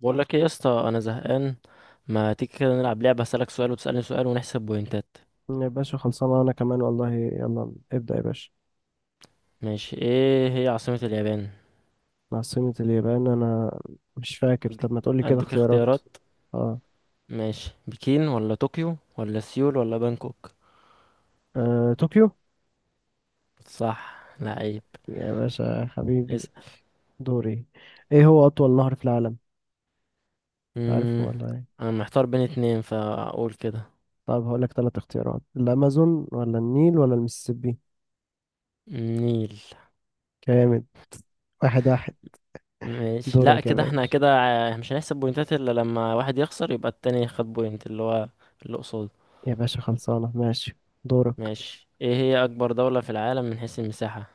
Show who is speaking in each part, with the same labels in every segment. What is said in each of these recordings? Speaker 1: بقول لك ايه يا اسطى، انا زهقان. ما تيجي كده نلعب لعبه؟ هسألك سؤال وتسألني سؤال ونحسب بوينتات.
Speaker 2: يا باشا خلصانة. أنا كمان والله، يلا ابدأ يا باشا.
Speaker 1: ماشي، ايه هي عاصمة اليابان؟
Speaker 2: عاصمة اليابان؟ أنا مش فاكر.
Speaker 1: اديك
Speaker 2: طب ما تقولي كده
Speaker 1: اديك
Speaker 2: اختيارات.
Speaker 1: اختيارات.
Speaker 2: اه,
Speaker 1: ماشي، بكين ولا طوكيو ولا سيول ولا بانكوك؟
Speaker 2: آه، طوكيو.
Speaker 1: صح، لعيب.
Speaker 2: يا باشا حبيبي.
Speaker 1: اسأل.
Speaker 2: دوري. ايه هو أطول نهر في العالم؟ عارف
Speaker 1: امم
Speaker 2: ولا ايه؟
Speaker 1: انا محتار بين اتنين، فاقول كده.
Speaker 2: طب هقولك تلات اختيارات: الأمازون ولا النيل ولا المسيسيبي؟
Speaker 1: نيل.
Speaker 2: جامد. واحد واحد.
Speaker 1: ماشي، لا،
Speaker 2: دورك يا
Speaker 1: كده احنا
Speaker 2: باشا.
Speaker 1: كده مش هنحسب بوينتات الا لما واحد يخسر، يبقى التاني خد بوينت اللي هو اللي قصاده.
Speaker 2: يا باشا خلصانة، ماشي. دورك.
Speaker 1: ماشي، ايه هي اكبر دولة في العالم من حيث المساحة؟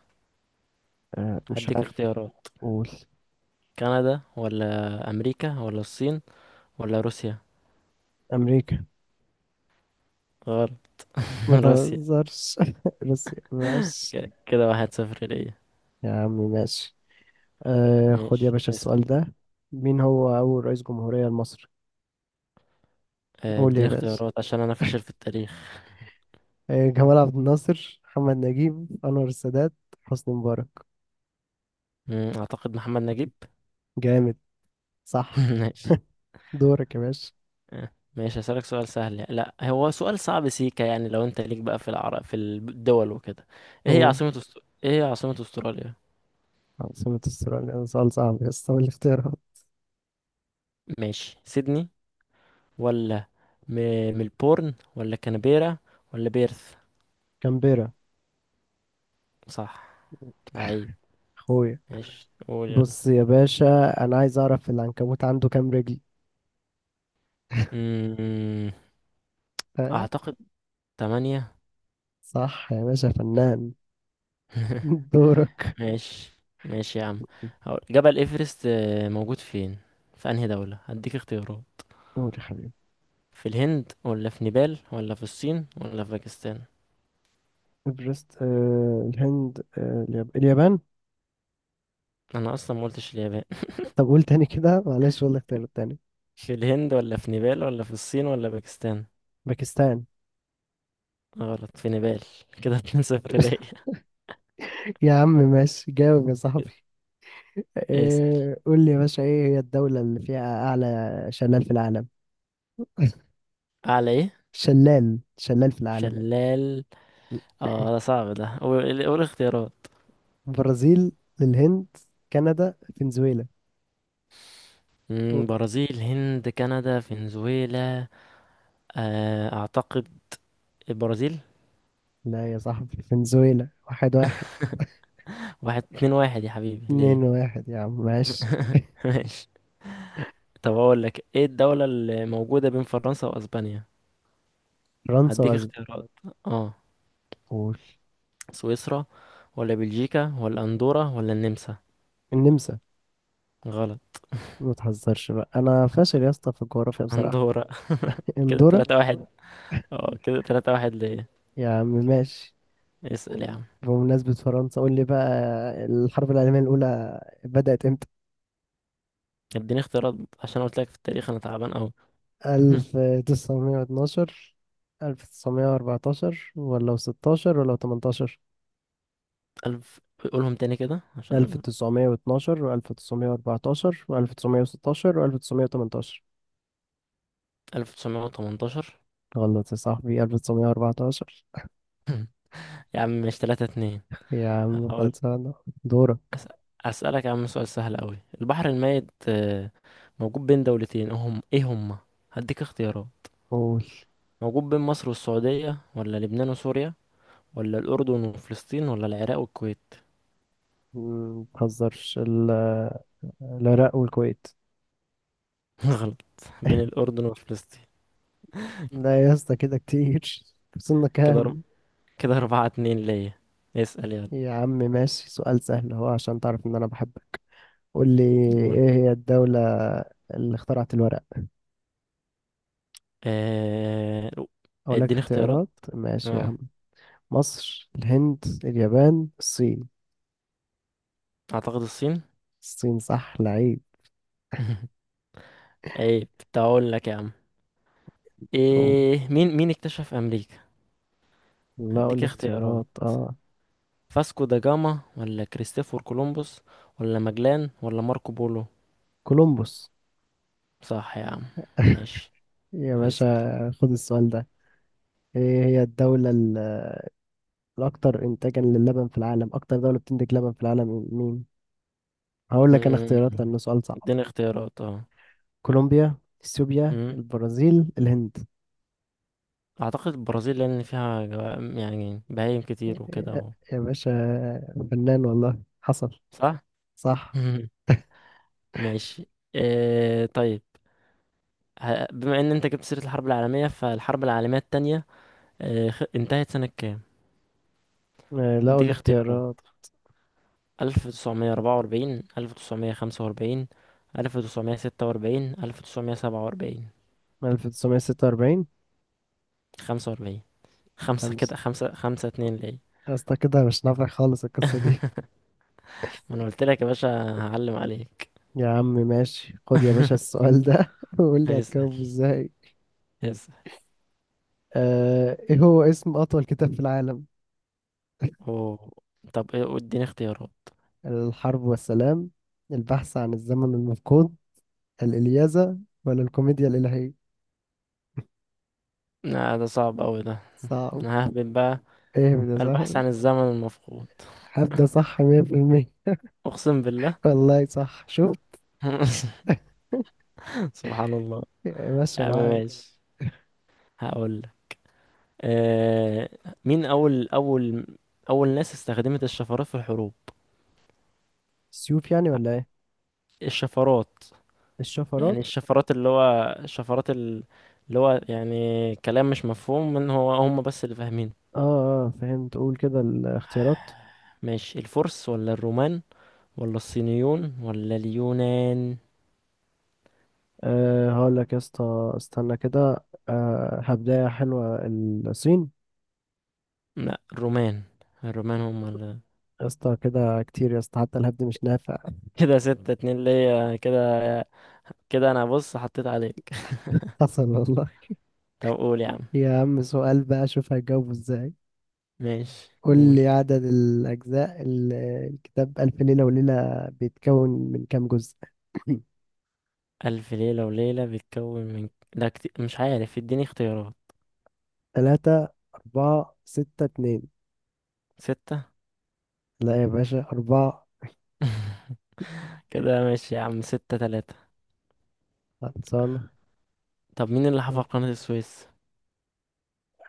Speaker 2: آه مش
Speaker 1: هديك
Speaker 2: عارف.
Speaker 1: اختيارات.
Speaker 2: قول.
Speaker 1: كندا ولا امريكا ولا الصين ولا روسيا؟
Speaker 2: أمريكا.
Speaker 1: غلط.
Speaker 2: ما
Speaker 1: روسيا.
Speaker 2: تهزرش روسيا، ماشي.
Speaker 1: كده 1-0 ليا.
Speaker 2: يا عمي ماشي. آه، خد يا
Speaker 1: ماشي
Speaker 2: باشا السؤال
Speaker 1: اسأل.
Speaker 2: ده. مين هو أول رئيس جمهورية لمصر؟ قول يا
Speaker 1: اديني
Speaker 2: باشا.
Speaker 1: اختيارات عشان انا فاشل في التاريخ.
Speaker 2: آه، جمال عبد الناصر، محمد نجيب، أنور السادات، حسني مبارك.
Speaker 1: اعتقد محمد نجيب.
Speaker 2: جامد. صح.
Speaker 1: ماشي.
Speaker 2: دورك يا باشا.
Speaker 1: ماشي، هسألك سؤال سهل، لا هو سؤال صعب سيكا، يعني لو انت ليك بقى في العرب في الدول وكده. ايه هي
Speaker 2: قول.
Speaker 1: عاصمة ايه هي عاصمة استراليا؟
Speaker 2: عاصمة استراليا ده سؤال صعب يا اسطى. اللي اختيارها.
Speaker 1: ماشي، سيدني ولا م... ملبورن ولا كانبيرا ولا بيرث؟
Speaker 2: كامبيرا.
Speaker 1: صح، لعيب.
Speaker 2: أخويا.
Speaker 1: ماشي قول
Speaker 2: بص
Speaker 1: يلا.
Speaker 2: يا باشا، أنا عايز أعرف العنكبوت عنده كام رجل.
Speaker 1: أمم،
Speaker 2: ها؟
Speaker 1: اعتقد 8.
Speaker 2: صح يا باشا، فنان. دورك.
Speaker 1: ماشي. ماشي يا عم، هقول جبل ايفرست موجود فين؟ في انهي دولة؟ هديك اختيارات.
Speaker 2: قول يا حبيبي.
Speaker 1: في الهند ولا في نيبال ولا في الصين ولا في باكستان؟
Speaker 2: إيفرست. آه، الهند. آه، اليابان.
Speaker 1: انا اصلا ما قلتش اليابان.
Speaker 2: طب قول تاني كده، معلش والله، اختيار التاني.
Speaker 1: في الهند ولا في نيبال ولا في الصين ولا باكستان؟
Speaker 2: باكستان.
Speaker 1: غلط، في نيبال. كده 2-0 ليا.
Speaker 2: يا عم ماشي، جاوب يا صاحبي.
Speaker 1: اسأل.
Speaker 2: إيه، قول لي يا باشا، ايه هي الدولة اللي فيها أعلى شلال في العالم؟
Speaker 1: أعلى إيه؟
Speaker 2: شلال، شلال في العالم.
Speaker 1: شلال. اه ده صعب ده، قول قول اختيارات.
Speaker 2: برازيل، الهند، كندا، فنزويلا. و-
Speaker 1: برازيل، هند، كندا، فنزويلا. اعتقد البرازيل.
Speaker 2: لا يا صاحبي، فنزويلا. واحد واحد.
Speaker 1: واحد اتنين واحد يا حبيبي ليه؟
Speaker 2: اتنين واحد يا عم، ماشي.
Speaker 1: ماشي. طب اقول لك، ايه الدولة اللي موجودة بين فرنسا واسبانيا؟
Speaker 2: فرنسا
Speaker 1: هديك
Speaker 2: وأسبانيا.
Speaker 1: اختيارات. اه،
Speaker 2: قول.
Speaker 1: سويسرا ولا بلجيكا ولا اندورا ولا النمسا؟
Speaker 2: النمسا.
Speaker 1: غلط،
Speaker 2: ما تهزرش بقى، أنا فاشل يا اسطى في الجغرافيا بصراحة.
Speaker 1: اندورا. كده
Speaker 2: اندورا.
Speaker 1: 3-1. اه كده 3-1 ليه.
Speaker 2: يا عم ماشي.
Speaker 1: اسأل يا عم.
Speaker 2: بمناسبة فرنسا، قول لي بقى، الحرب العالمية الأولى بدأت امتى؟
Speaker 1: اديني اختيارات عشان قلت لك في التاريخ انا تعبان اوي.
Speaker 2: 1912، 1914 ولا 16 ولا 18؟
Speaker 1: ألف. قولهم تاني كده عشان.
Speaker 2: 1912 و1914 و1916 و1918.
Speaker 1: 1918.
Speaker 2: غلط يا صاحبي، 1914.
Speaker 1: يا عم مش تلاتة، اتنين.
Speaker 2: يا عم خلصانة. دورك.
Speaker 1: أس- أسألك يا عم سؤال سهل أوي، البحر الميت موجود بين دولتين، هم إيه هما؟ هديك اختيارات.
Speaker 2: قول.
Speaker 1: موجود بين مصر والسعودية، ولا لبنان وسوريا، ولا الأردن وفلسطين، ولا العراق والكويت؟
Speaker 2: متهزرش العراق والكويت.
Speaker 1: غلط، بين الأردن وفلسطين.
Speaker 2: لا يا اسطى كده كتير. وصلنا
Speaker 1: كده
Speaker 2: كام؟
Speaker 1: كده 4-2 ليا. اسأل يلا.
Speaker 2: يا عم ماشي، سؤال سهل اهو، عشان تعرف ان انا بحبك. قول لي
Speaker 1: نقول.
Speaker 2: ايه هي الدولة اللي اخترعت الورق؟
Speaker 1: آه،
Speaker 2: اقول لك
Speaker 1: اديني اختيارات.
Speaker 2: اختيارات. ماشي يا عم.
Speaker 1: اه،
Speaker 2: مصر، الهند، اليابان، الصين.
Speaker 1: أعتقد الصين.
Speaker 2: الصين، صح لعيب.
Speaker 1: عيب، كنت هقول لك يا عم.
Speaker 2: قول.
Speaker 1: ايه مين اكتشف أمريكا؟
Speaker 2: لا قول
Speaker 1: هديك
Speaker 2: لي اختيارات،
Speaker 1: اختيارات.
Speaker 2: اه.
Speaker 1: فاسكو دا جاما، ولا كريستوفر كولومبوس، ولا ماجلان، ولا ماركو بولو؟
Speaker 2: كولومبوس.
Speaker 1: صح يا عم. ماشي
Speaker 2: يا باشا،
Speaker 1: اسأل.
Speaker 2: خد السؤال ده. ايه هي الاكثر انتاجا للبن في العالم؟ اكتر دولة بتنتج لبن في العالم مين؟ هقول لك انا
Speaker 1: مم.
Speaker 2: اختيارات لانه سؤال صعب.
Speaker 1: اديني اختيارات اه.
Speaker 2: كولومبيا، اثيوبيا،
Speaker 1: مم.
Speaker 2: البرازيل، الهند.
Speaker 1: اعتقد البرازيل، لان فيها يعني بهايم كتير وكده
Speaker 2: يا باشا، فنان والله، حصل.
Speaker 1: صح.
Speaker 2: صح.
Speaker 1: مم. ماشي. آه طيب. بما ان انت جبت سيرة الحرب العالمية، فالحرب العالمية التانية انتهت سنة كام؟
Speaker 2: آه، لقوا
Speaker 1: اديك اختيارات.
Speaker 2: الاختيارات.
Speaker 1: 1944، 1945، 1946، 1947.
Speaker 2: 1946.
Speaker 1: 1945. خمسة،
Speaker 2: خمسة.
Speaker 1: كده خمسة، 5-2 ليه.
Speaker 2: يا اسطى كده مش نافع خالص القصة دي.
Speaker 1: ما أنا قلت لك يا باشا هعلم عليك.
Speaker 2: يا عم ماشي، خد يا باشا السؤال ده وقول لي
Speaker 1: هيسأل
Speaker 2: هتجاوبه ازاي.
Speaker 1: هيسأل.
Speaker 2: آه، ايه هو اسم أطول كتاب في العالم؟
Speaker 1: أوه. طب إيه، اديني اختيارات.
Speaker 2: الحرب والسلام، البحث عن الزمن المفقود، الإلياذة، ولا الكوميديا الإلهية؟
Speaker 1: لا ده صعب أوي ده.
Speaker 2: صعب.
Speaker 1: أنا ههبط بقى.
Speaker 2: ايه ده،
Speaker 1: البحث
Speaker 2: صعب.
Speaker 1: عن الزمن المفقود.
Speaker 2: هبدأ، صح 100%.
Speaker 1: أقسم بالله.
Speaker 2: والله صح، شوف.
Speaker 1: سبحان الله. يا
Speaker 2: ماشي
Speaker 1: عم
Speaker 2: معاك.
Speaker 1: ماشي، هقول لك آه... مين أول ناس استخدمت الشفرات في الحروب؟
Speaker 2: سيوف يعني ولا ايه؟
Speaker 1: الشفرات يعني.
Speaker 2: الشفرات.
Speaker 1: الشفرات اللي هو، الشفرات اللي هو يعني كلام مش مفهوم من هو هم، بس اللي فاهمينه.
Speaker 2: اه. اه فهمت، قول كده الاختيارات.
Speaker 1: ماشي، الفرس ولا الرومان ولا الصينيون ولا اليونان؟
Speaker 2: أه هقول لك يا اسطى، استنى كده، أه هبداية حلوة، الصين.
Speaker 1: لا، الرومان. الرومان هم اللي.
Speaker 2: يا اسطى كده كتير يا اسطى، حتى الهبد مش نافع.
Speaker 1: كده 6-2 ليا كده. كده انا بص حطيت عليك.
Speaker 2: حصل والله.
Speaker 1: طب قول يا عم.
Speaker 2: يا عم سؤال بقى، شوف هجاوبه ازاي.
Speaker 1: ماشي
Speaker 2: قول
Speaker 1: قول.
Speaker 2: لي عدد الأجزاء الكتاب ألف ليلة وليلة بيتكون من كام جزء؟
Speaker 1: ألف ليلة وليلة بيتكون من، ده كتير مش عارف، اديني اختيارات.
Speaker 2: تلاتة، أربعة، ستة، اتنين.
Speaker 1: ستة.
Speaker 2: لا يا باشا، أربعة.
Speaker 1: كده ماشي يا عم، 6-3.
Speaker 2: خلصانة.
Speaker 1: طب مين اللي حفر قناة السويس؟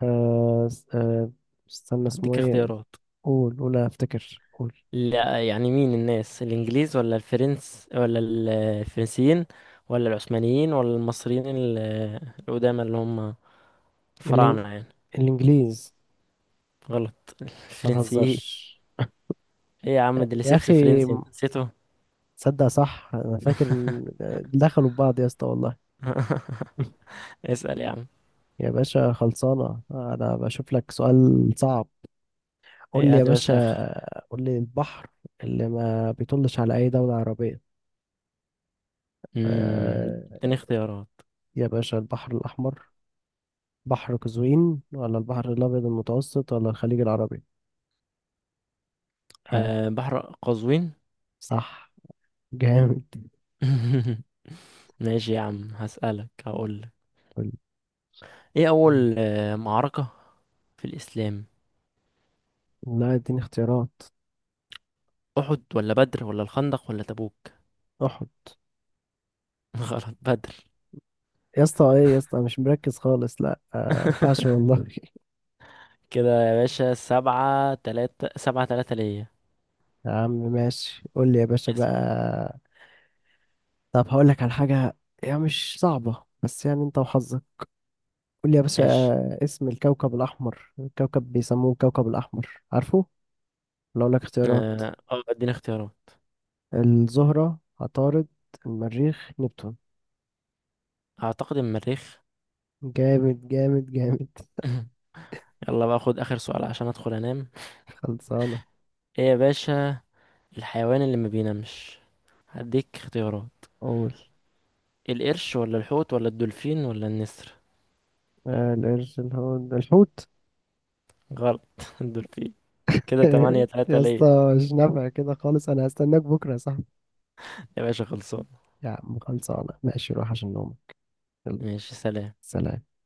Speaker 2: آه استنى اسمه
Speaker 1: هديك
Speaker 2: ايه.
Speaker 1: اختيارات.
Speaker 2: قول، قول انا افتكر، قول.
Speaker 1: لا، يعني مين الناس، الانجليز، ولا الفرنس، ولا الفرنسيين، ولا العثمانيين، ولا المصريين القدامى، اللي هم
Speaker 2: الإن...
Speaker 1: الفراعنة يعني؟
Speaker 2: الانجليز.
Speaker 1: غلط.
Speaker 2: ما
Speaker 1: الفرنسيين.
Speaker 2: تهزرش.
Speaker 1: ايه يا عم،
Speaker 2: آه،
Speaker 1: اللي
Speaker 2: يا
Speaker 1: سيبس
Speaker 2: اخي،
Speaker 1: فرنسي انت نسيته.
Speaker 2: تصدق صح انا فاكر ان آه، دخلوا ببعض يا اسطى والله.
Speaker 1: اسأل يا عم.
Speaker 2: يا باشا خلصانه، انا بشوف لك سؤال صعب. قول
Speaker 1: ايه،
Speaker 2: لي يا
Speaker 1: هات يا
Speaker 2: باشا،
Speaker 1: باشا اخرك.
Speaker 2: قول لي البحر اللي ما بيطلش على اي دوله عربيه. آه،
Speaker 1: اديني اختيارات.
Speaker 2: يا باشا، البحر الاحمر، بحر قزوين، ولا البحر الابيض المتوسط، ولا الخليج العربي؟ ها.
Speaker 1: أه، بحر قزوين.
Speaker 2: صح. جامد.
Speaker 1: ماشي يا عم، هسألك هقولك.
Speaker 2: قول.
Speaker 1: ايه
Speaker 2: مم.
Speaker 1: اول معركة في الاسلام؟
Speaker 2: لا، اديني اختيارات.
Speaker 1: احد ولا بدر ولا الخندق ولا تبوك؟
Speaker 2: احط.
Speaker 1: غلط، بدر.
Speaker 2: يا اسطى ايه يا اسطى، أنا مش مركز خالص، لا آه، ما ينفعش والله.
Speaker 1: كده يا باشا، 7-3، 7-3 ليا.
Speaker 2: يا عم ماشي، قول لي يا باشا
Speaker 1: اس-
Speaker 2: بقى. طب هقول لك على حاجة، هي مش صعبة بس يعني انت وحظك. قول لي يا باشا،
Speaker 1: ماشي.
Speaker 2: آه، اسم الكوكب الأحمر، الكوكب بيسموه الكوكب الأحمر، عارفه ولا اقول لك اختيارات؟
Speaker 1: اه. اديني اختيارات.
Speaker 2: الزهرة، عطارد، المريخ، نبتون.
Speaker 1: اعتقد المريخ.
Speaker 2: جامد جامد جامد.
Speaker 1: يلا بقى، خد اخر سؤال عشان ادخل انام.
Speaker 2: خلصانة.
Speaker 1: ايه يا باشا الحيوان اللي ما بينامش؟ هديك اختيارات.
Speaker 2: قول.
Speaker 1: القرش، ولا الحوت، ولا الدولفين، ولا النسر؟
Speaker 2: آه، القرش، الحوت.
Speaker 1: غلط. الدولفين. كده 8-3
Speaker 2: يا
Speaker 1: ليا.
Speaker 2: اسطى، مش نافع كده خالص، انا هستناك بكره يا صاحبي.
Speaker 1: يا باشا خلصان.
Speaker 2: يا عم خلصانه ماشي، روح عشان نوم. يلا.
Speaker 1: ماشي سلام.
Speaker 2: سلام.